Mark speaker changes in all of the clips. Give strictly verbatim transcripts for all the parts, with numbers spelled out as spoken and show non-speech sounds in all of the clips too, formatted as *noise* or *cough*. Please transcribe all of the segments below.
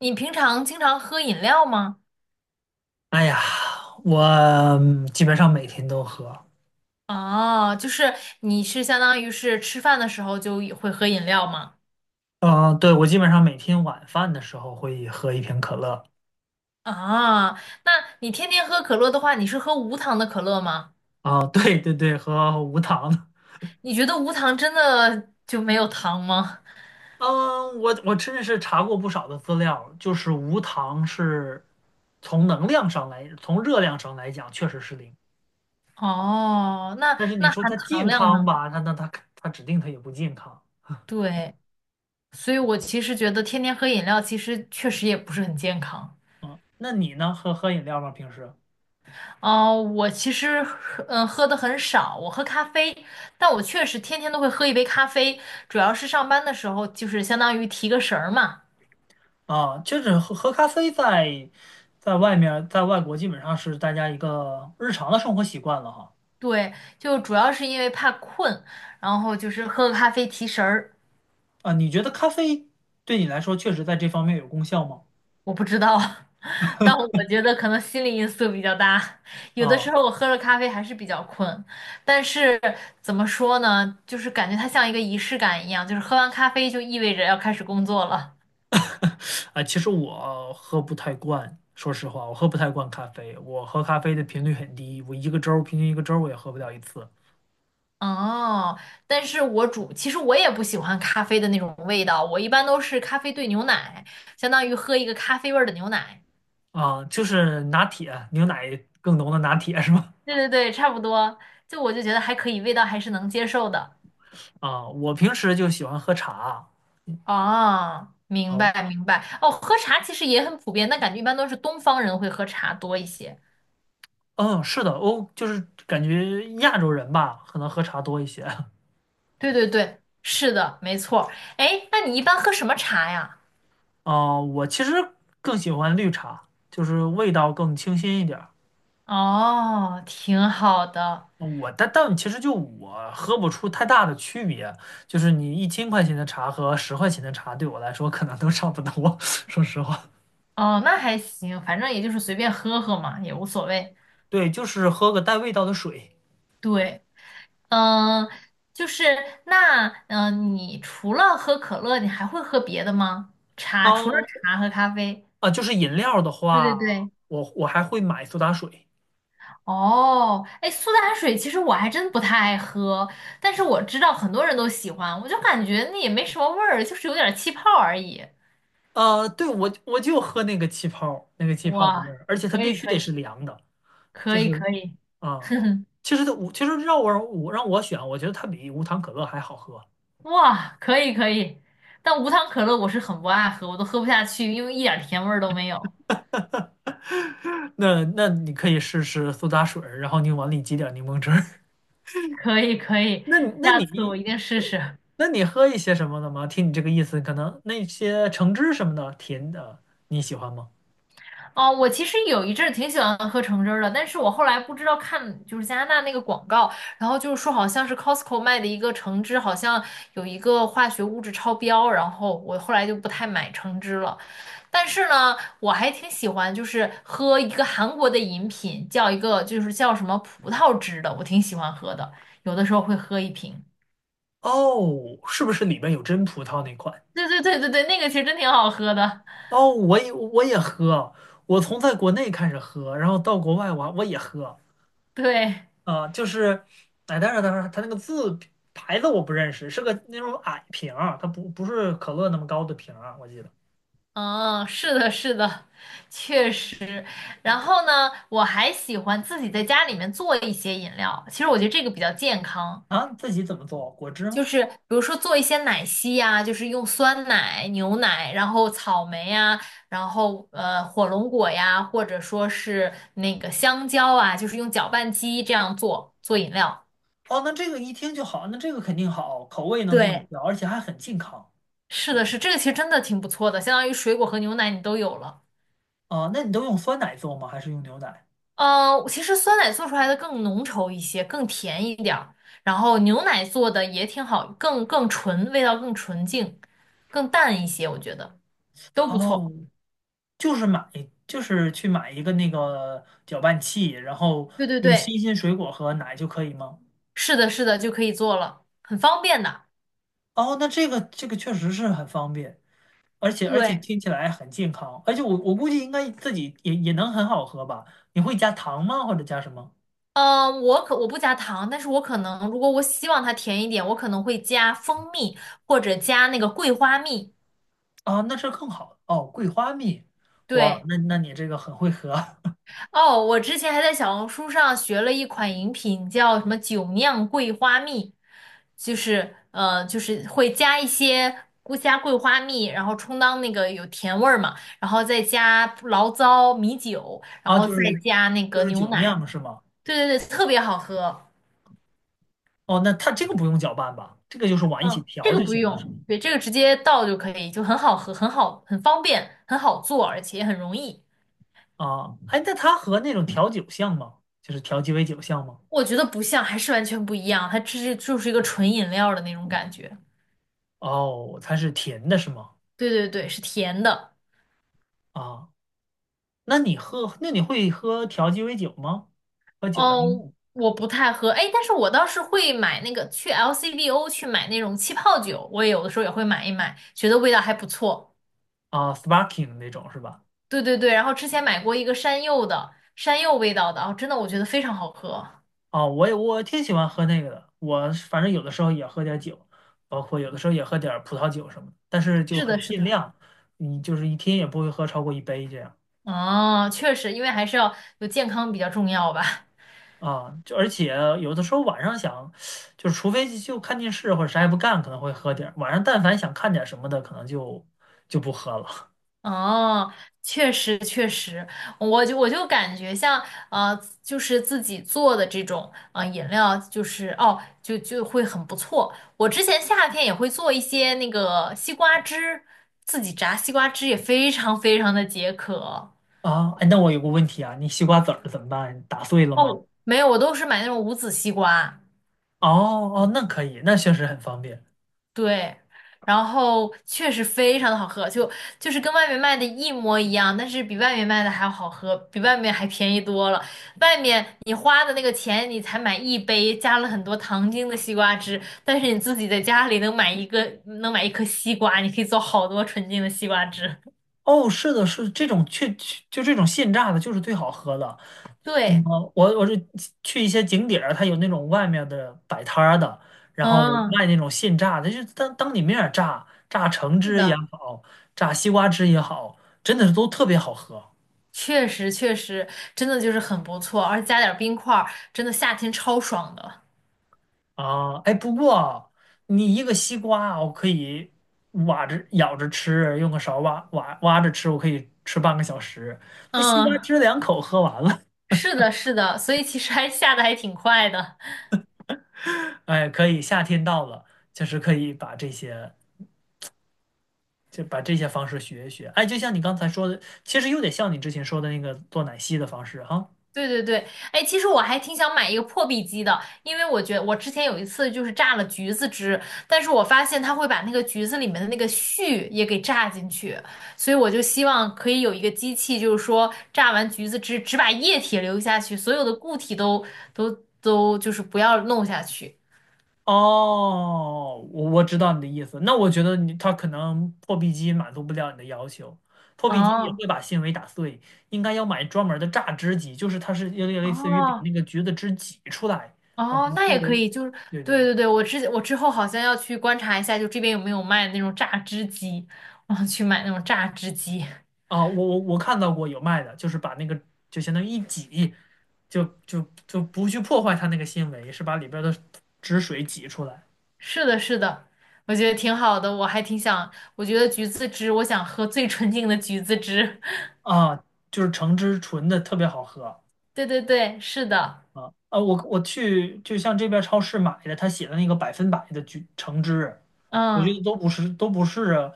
Speaker 1: 你平常经常喝饮料吗？
Speaker 2: 哎呀，我嗯基本上每天都喝。
Speaker 1: 哦，就是你是相当于是吃饭的时候就也会喝饮料吗？
Speaker 2: 嗯、对，我基本上每天晚饭的时候会喝一瓶可乐。
Speaker 1: 啊，那你天天喝可乐的话，你是喝无糖的可乐吗？
Speaker 2: 啊、对对对，喝无糖的。
Speaker 1: 你觉得无糖真的就没有糖吗？
Speaker 2: 嗯，我我真的是查过不少的资料，就是无糖是从能量上来，从热量上来讲确实是零。
Speaker 1: 哦，那
Speaker 2: 但是你
Speaker 1: 那
Speaker 2: 说
Speaker 1: 含
Speaker 2: 它
Speaker 1: 糖
Speaker 2: 健
Speaker 1: 量
Speaker 2: 康
Speaker 1: 呢？
Speaker 2: 吧，它那它它指定它也不健康。
Speaker 1: 对，所以我其实觉得天天喝饮料其实确实也不是很健康。
Speaker 2: 嗯，那你呢？喝喝饮料吗？平时？
Speaker 1: 哦，我其实嗯喝的很少，我喝咖啡，但我确实天天都会喝一杯咖啡，主要是上班的时候就是相当于提个神儿嘛。
Speaker 2: 啊，就是喝喝咖啡在在外面儿在外国基本上是大家一个日常的生活习惯了哈。
Speaker 1: 对，就主要是因为怕困，然后就是喝个咖啡提神儿。
Speaker 2: 啊，你觉得咖啡对你来说确实在这方面有功效吗？
Speaker 1: 我不知道，*laughs* 但我觉得可能心理因素比较大，有的时
Speaker 2: 啊，
Speaker 1: 候我喝了咖啡还是比较困，但是怎么说呢，就是感觉它像一个仪式感一样，就是喝完咖啡就意味着要开始工作了。
Speaker 2: 啊，其实我喝不太惯。说实话，我喝不太惯咖啡，我喝咖啡的频率很低，我一个周儿平均一个周儿我也喝不了一次。
Speaker 1: 哦，但是我煮，其实我也不喜欢咖啡的那种味道，我一般都是咖啡兑牛奶，相当于喝一个咖啡味儿的牛奶。
Speaker 2: 啊，就是拿铁，牛奶更浓的拿铁是吧？
Speaker 1: 对对对，差不多，就我就觉得还可以，味道还是能接受的。
Speaker 2: 啊，我平时就喜欢喝茶。
Speaker 1: 哦，明
Speaker 2: 啊，
Speaker 1: 白明白。哦，喝茶其实也很普遍，但感觉一般都是东方人会喝茶多一些。
Speaker 2: 嗯，是的，欧就是感觉亚洲人吧，可能喝茶多一些。*laughs*
Speaker 1: 对对对，是的，没错儿。哎，那你一般喝什么茶呀？
Speaker 2: 啊、我其实更喜欢绿茶，就是味道更清新一点儿。
Speaker 1: 哦，挺好的。
Speaker 2: 嗯我但但其实就我喝不出太大的区别，就是你一千块钱的茶和十块钱的茶对我来说可能都差不多，*laughs* 说实话。
Speaker 1: 哦，那还行，反正也就是随便喝喝嘛，也无所谓。
Speaker 2: 对，就是喝个带味道的水。
Speaker 1: 对。嗯，就是那，嗯，你除了喝可乐，你还会喝别的吗？茶，除了
Speaker 2: 哦，
Speaker 1: 茶和咖啡。
Speaker 2: 啊，就是饮料的
Speaker 1: 对对
Speaker 2: 话，
Speaker 1: 对。
Speaker 2: 我我还会买苏打水。
Speaker 1: 哦，哎，苏打水其实我还真不太爱喝，但是我知道很多人都喜欢，我就感觉那也没什么味儿，就是有点儿气泡而已。
Speaker 2: 呃，对，我我就喝那个气泡，那个气泡的味
Speaker 1: 哇，
Speaker 2: 儿，而且它
Speaker 1: 可
Speaker 2: 必
Speaker 1: 以
Speaker 2: 须
Speaker 1: 可
Speaker 2: 得是
Speaker 1: 以
Speaker 2: 凉的。
Speaker 1: 可
Speaker 2: 就是
Speaker 1: 以可以，*laughs*
Speaker 2: 啊、
Speaker 1: 哼哼，
Speaker 2: 其实它其实让我我让我选，我觉得它比无糖可乐还好喝。
Speaker 1: 哇，可以可以。但无糖可乐我是很不爱喝，我都喝不下去，因为一点儿甜味儿都没有。
Speaker 2: *laughs* 那那你可以试试苏打水儿，然后你往里挤点柠檬汁儿。*laughs*
Speaker 1: 可以可以，
Speaker 2: 那你那
Speaker 1: 下次我
Speaker 2: 你
Speaker 1: 一定试试。
Speaker 2: 那你喝一些什么的吗？听你这个意思，可能那些橙汁什么的甜的你喜欢吗？
Speaker 1: 哦，我其实有一阵儿挺喜欢喝橙汁儿的，但是我后来不知道看就是加拿大那个广告，然后就是说好像是 Costco 卖的一个橙汁，好像有一个化学物质超标，然后我后来就不太买橙汁了。但是呢，我还挺喜欢就是喝一个韩国的饮品，叫一个就是叫什么葡萄汁的，我挺喜欢喝的，有的时候会喝一瓶。
Speaker 2: 哦，是不是里面有真葡萄那款？
Speaker 1: 对对对对对，那个其实真挺好喝的，
Speaker 2: 哦，我也我也喝，我从在国内开始喝，然后到国外我我也喝，
Speaker 1: *laughs* 对。
Speaker 2: 啊、就是，哎，但是但是它那个字牌子我不认识，是个那种矮瓶儿，它不不是可乐那么高的瓶儿啊，我记得。
Speaker 1: 嗯，是的，是的，确实。
Speaker 2: 啊
Speaker 1: 然后呢，我还喜欢自己在家里面做一些饮料。其实我觉得这个比较健康，
Speaker 2: 啊，自己怎么做？果汁
Speaker 1: 就
Speaker 2: 吗？
Speaker 1: 是比如说做一些奶昔呀、就是用酸奶、牛奶，然后草莓呀、然后呃火龙果呀，或者说是那个香蕉啊，就是用搅拌机这样做做饮料。
Speaker 2: 哦，那这个一听就好，那这个肯定好，口味能自己
Speaker 1: 对，
Speaker 2: 调，而且还很健康。
Speaker 1: 是的，是这个，其实真的挺不错的，相当于水果和牛奶你都有了。
Speaker 2: 啊，那你都用酸奶做吗？还是用牛奶？
Speaker 1: 呃，其实酸奶做出来的更浓稠一些，更甜一点儿，然后牛奶做的也挺好，更更纯，味道更纯净，更淡一些，我觉得都不错。
Speaker 2: 哦，就是买，就是去买一个那个搅拌器，然后
Speaker 1: 对对
Speaker 2: 用
Speaker 1: 对，
Speaker 2: 新鲜水果和奶就可以吗？
Speaker 1: 是的，是的，就可以做了，很方便的。
Speaker 2: 哦，那这个这个确实是很方便。而且而且
Speaker 1: 对，
Speaker 2: 听起来很健康，而且我我估计应该自己也也能很好喝吧？你会加糖吗？或者加什么？
Speaker 1: 呃，我可我不加糖，但是我可能如果我希望它甜一点，我可能会加蜂蜜或者加那个桂花蜜。
Speaker 2: 啊，那是更好哦，桂花蜜。哇，
Speaker 1: 对。
Speaker 2: 那那你这个很会喝。 *laughs*
Speaker 1: 哦，我之前还在小红书上学了一款饮品，叫什么“酒酿桂花蜜”，就是呃，就是会加一些菇加桂花蜜，然后充当那个有甜味儿嘛，然后再加醪糟、米酒，然
Speaker 2: 啊，
Speaker 1: 后
Speaker 2: 就
Speaker 1: 再
Speaker 2: 是
Speaker 1: 加那个
Speaker 2: 就是
Speaker 1: 牛
Speaker 2: 酒
Speaker 1: 奶。
Speaker 2: 酿是吗？
Speaker 1: 对对对，特别好喝。
Speaker 2: 哦，那它这个不用搅拌吧？这个就是往一起
Speaker 1: 这
Speaker 2: 调
Speaker 1: 个
Speaker 2: 就
Speaker 1: 不
Speaker 2: 行了，
Speaker 1: 用，
Speaker 2: 是吗？
Speaker 1: 对，这个直接倒就可以，就很好喝，很好，很方便，很好做，而且也很容易。
Speaker 2: 啊，哎，那它和那种调酒像吗？就是调鸡尾酒像吗？
Speaker 1: 我觉得不像，还是完全不一样，它这是就是一个纯饮料的那种感觉。
Speaker 2: 哦，它是甜的是吗？
Speaker 1: 对对对，是甜的。
Speaker 2: 啊，那你喝，那你会喝调鸡尾酒吗？喝酒吗？
Speaker 1: 哦，我不太喝，哎，但是我倒是会买那个去 L C B O 去买那种气泡酒，我也有的时候也会买一买，觉得味道还不错。
Speaker 2: 啊，sparkling 那种是吧？
Speaker 1: 对对对，然后之前买过一个山柚的，山柚味道的，哦，真的我觉得非常好喝。
Speaker 2: 哦，我也我挺喜欢喝那个的，我是反正有的时候也喝点儿酒，包括有的时候也喝点儿葡萄酒什么的，但是就
Speaker 1: 是
Speaker 2: 很
Speaker 1: 的，是
Speaker 2: 尽
Speaker 1: 的。
Speaker 2: 量。你就是一天也不会喝超过一杯这样。
Speaker 1: 哦，确实，因为还是要有健康比较重要吧。
Speaker 2: 啊，就而且有的时候晚上想，就是除非就看电视或者啥也不干，可能会喝点儿。晚上但凡想看点儿什么的，可能就就不喝了。
Speaker 1: 哦，确实确实，我就我就感觉像呃，就是自己做的这种呃饮料，就是哦，就就会很不错。我之前夏天也会做一些那个西瓜汁，自己榨西瓜汁也非常非常的解渴。
Speaker 2: 啊，哎，那我有个问题啊，你西瓜籽儿怎么办？打碎了吗？
Speaker 1: 哦，没有，我都是买那种无籽西瓜。
Speaker 2: 哦哦，那可以，那确实很方便。
Speaker 1: 对，然后确实非常的好喝，就就是跟外面卖的一模一样，但是比外面卖的还要好喝，比外面还便宜多了。外面你花的那个钱，你才买一杯加了很多糖精的西瓜汁，但是你自己在家里能买一个，能买一颗西瓜，你可以做好多纯净的西瓜汁。*laughs*
Speaker 2: 哦，是的，是这种确就这种现榨的，就是最好喝的。嗯，
Speaker 1: 对，
Speaker 2: 我我是去一些景点儿，它有那种外面的摆摊儿的，然后
Speaker 1: 嗯，
Speaker 2: 卖那种现榨的，就是当当你面儿榨，榨橙
Speaker 1: 是
Speaker 2: 汁也
Speaker 1: 的，
Speaker 2: 好，榨西瓜汁也好，真的是都特别好喝
Speaker 1: 确实确实，真的就是很不错，而且加点儿冰块儿真的夏天超爽的。
Speaker 2: 啊！哎，不过你一个西瓜，我可以挖着咬着吃，用个勺挖挖挖着吃，我可以吃半个小时。那西瓜
Speaker 1: 嗯。
Speaker 2: 汁两口喝完了。
Speaker 1: 是的，是的，所以其实还下的还挺快的。*laughs*
Speaker 2: *laughs* 哎，可以，夏天到了，就是可以把这些。就把这些方式学一学。哎，就像你刚才说的，其实有点像你之前说的那个做奶昔的方式哈。
Speaker 1: 对对对，哎，其实我还挺想买一个破壁机的，因为我觉得我之前有一次就是榨了橘子汁，但是我发现它会把那个橘子里面的那个絮也给榨进去，所以我就希望可以有一个机器，就是说榨完橘子汁只把液体留下去，所有的固体都都都就是不要弄下去。
Speaker 2: 哦，我我知道你的意思。那我觉得你它可能破壁机满足不了你的要求，破壁机也
Speaker 1: 哦
Speaker 2: 会把纤维打碎，应该要买专门的榨汁机，就是它是有点类似于把
Speaker 1: 哦，
Speaker 2: 那个橘子汁挤出来，而
Speaker 1: 哦，
Speaker 2: 不
Speaker 1: 那也可
Speaker 2: 是，
Speaker 1: 以，就是
Speaker 2: 对对
Speaker 1: 对
Speaker 2: 对。
Speaker 1: 对对，我之我之后好像要去观察一下，就这边有没有卖那种榨汁机，我想去买那种榨汁机。
Speaker 2: 啊，我我我看到过有卖的，就是把那个就相当于一挤，就就就不去破坏它那个纤维，是把里边的汁水挤出来。
Speaker 1: 是的，是的，我觉得挺好的，我还挺想，我觉得橘子汁，我想喝最纯净的橘子汁。*laughs*
Speaker 2: 啊，就是橙汁纯的特别好喝啊
Speaker 1: 对对对，是的，
Speaker 2: 啊！我我去就像这边超市买的，他写的那个百分百的橘橙汁啊，我觉得
Speaker 1: 嗯，
Speaker 2: 都不是都不是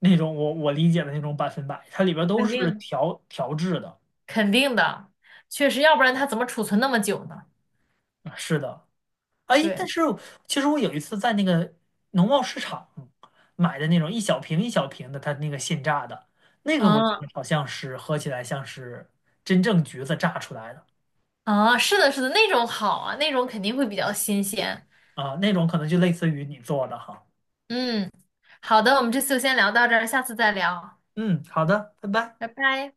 Speaker 2: 那种我我理解的那种百分百，它里边都
Speaker 1: 肯
Speaker 2: 是
Speaker 1: 定
Speaker 2: 调调制的。
Speaker 1: 肯定的，确实，要不然它怎么储存那么久呢？
Speaker 2: 啊是的。哎，但
Speaker 1: 对，
Speaker 2: 是其实我有一次在那个农贸市场买的那种一小瓶一小瓶的，它那个现榨的，那个我觉
Speaker 1: 嗯
Speaker 2: 得好像是喝起来像是真正橘子榨出来的。
Speaker 1: 啊，是的，是的，那种好啊，那种肯定会比较新鲜。
Speaker 2: 啊，那种可能就类似于你做的哈。
Speaker 1: 嗯，好的，我们这次就先聊到这儿，下次再聊。
Speaker 2: 嗯，好的，拜拜。
Speaker 1: 拜拜。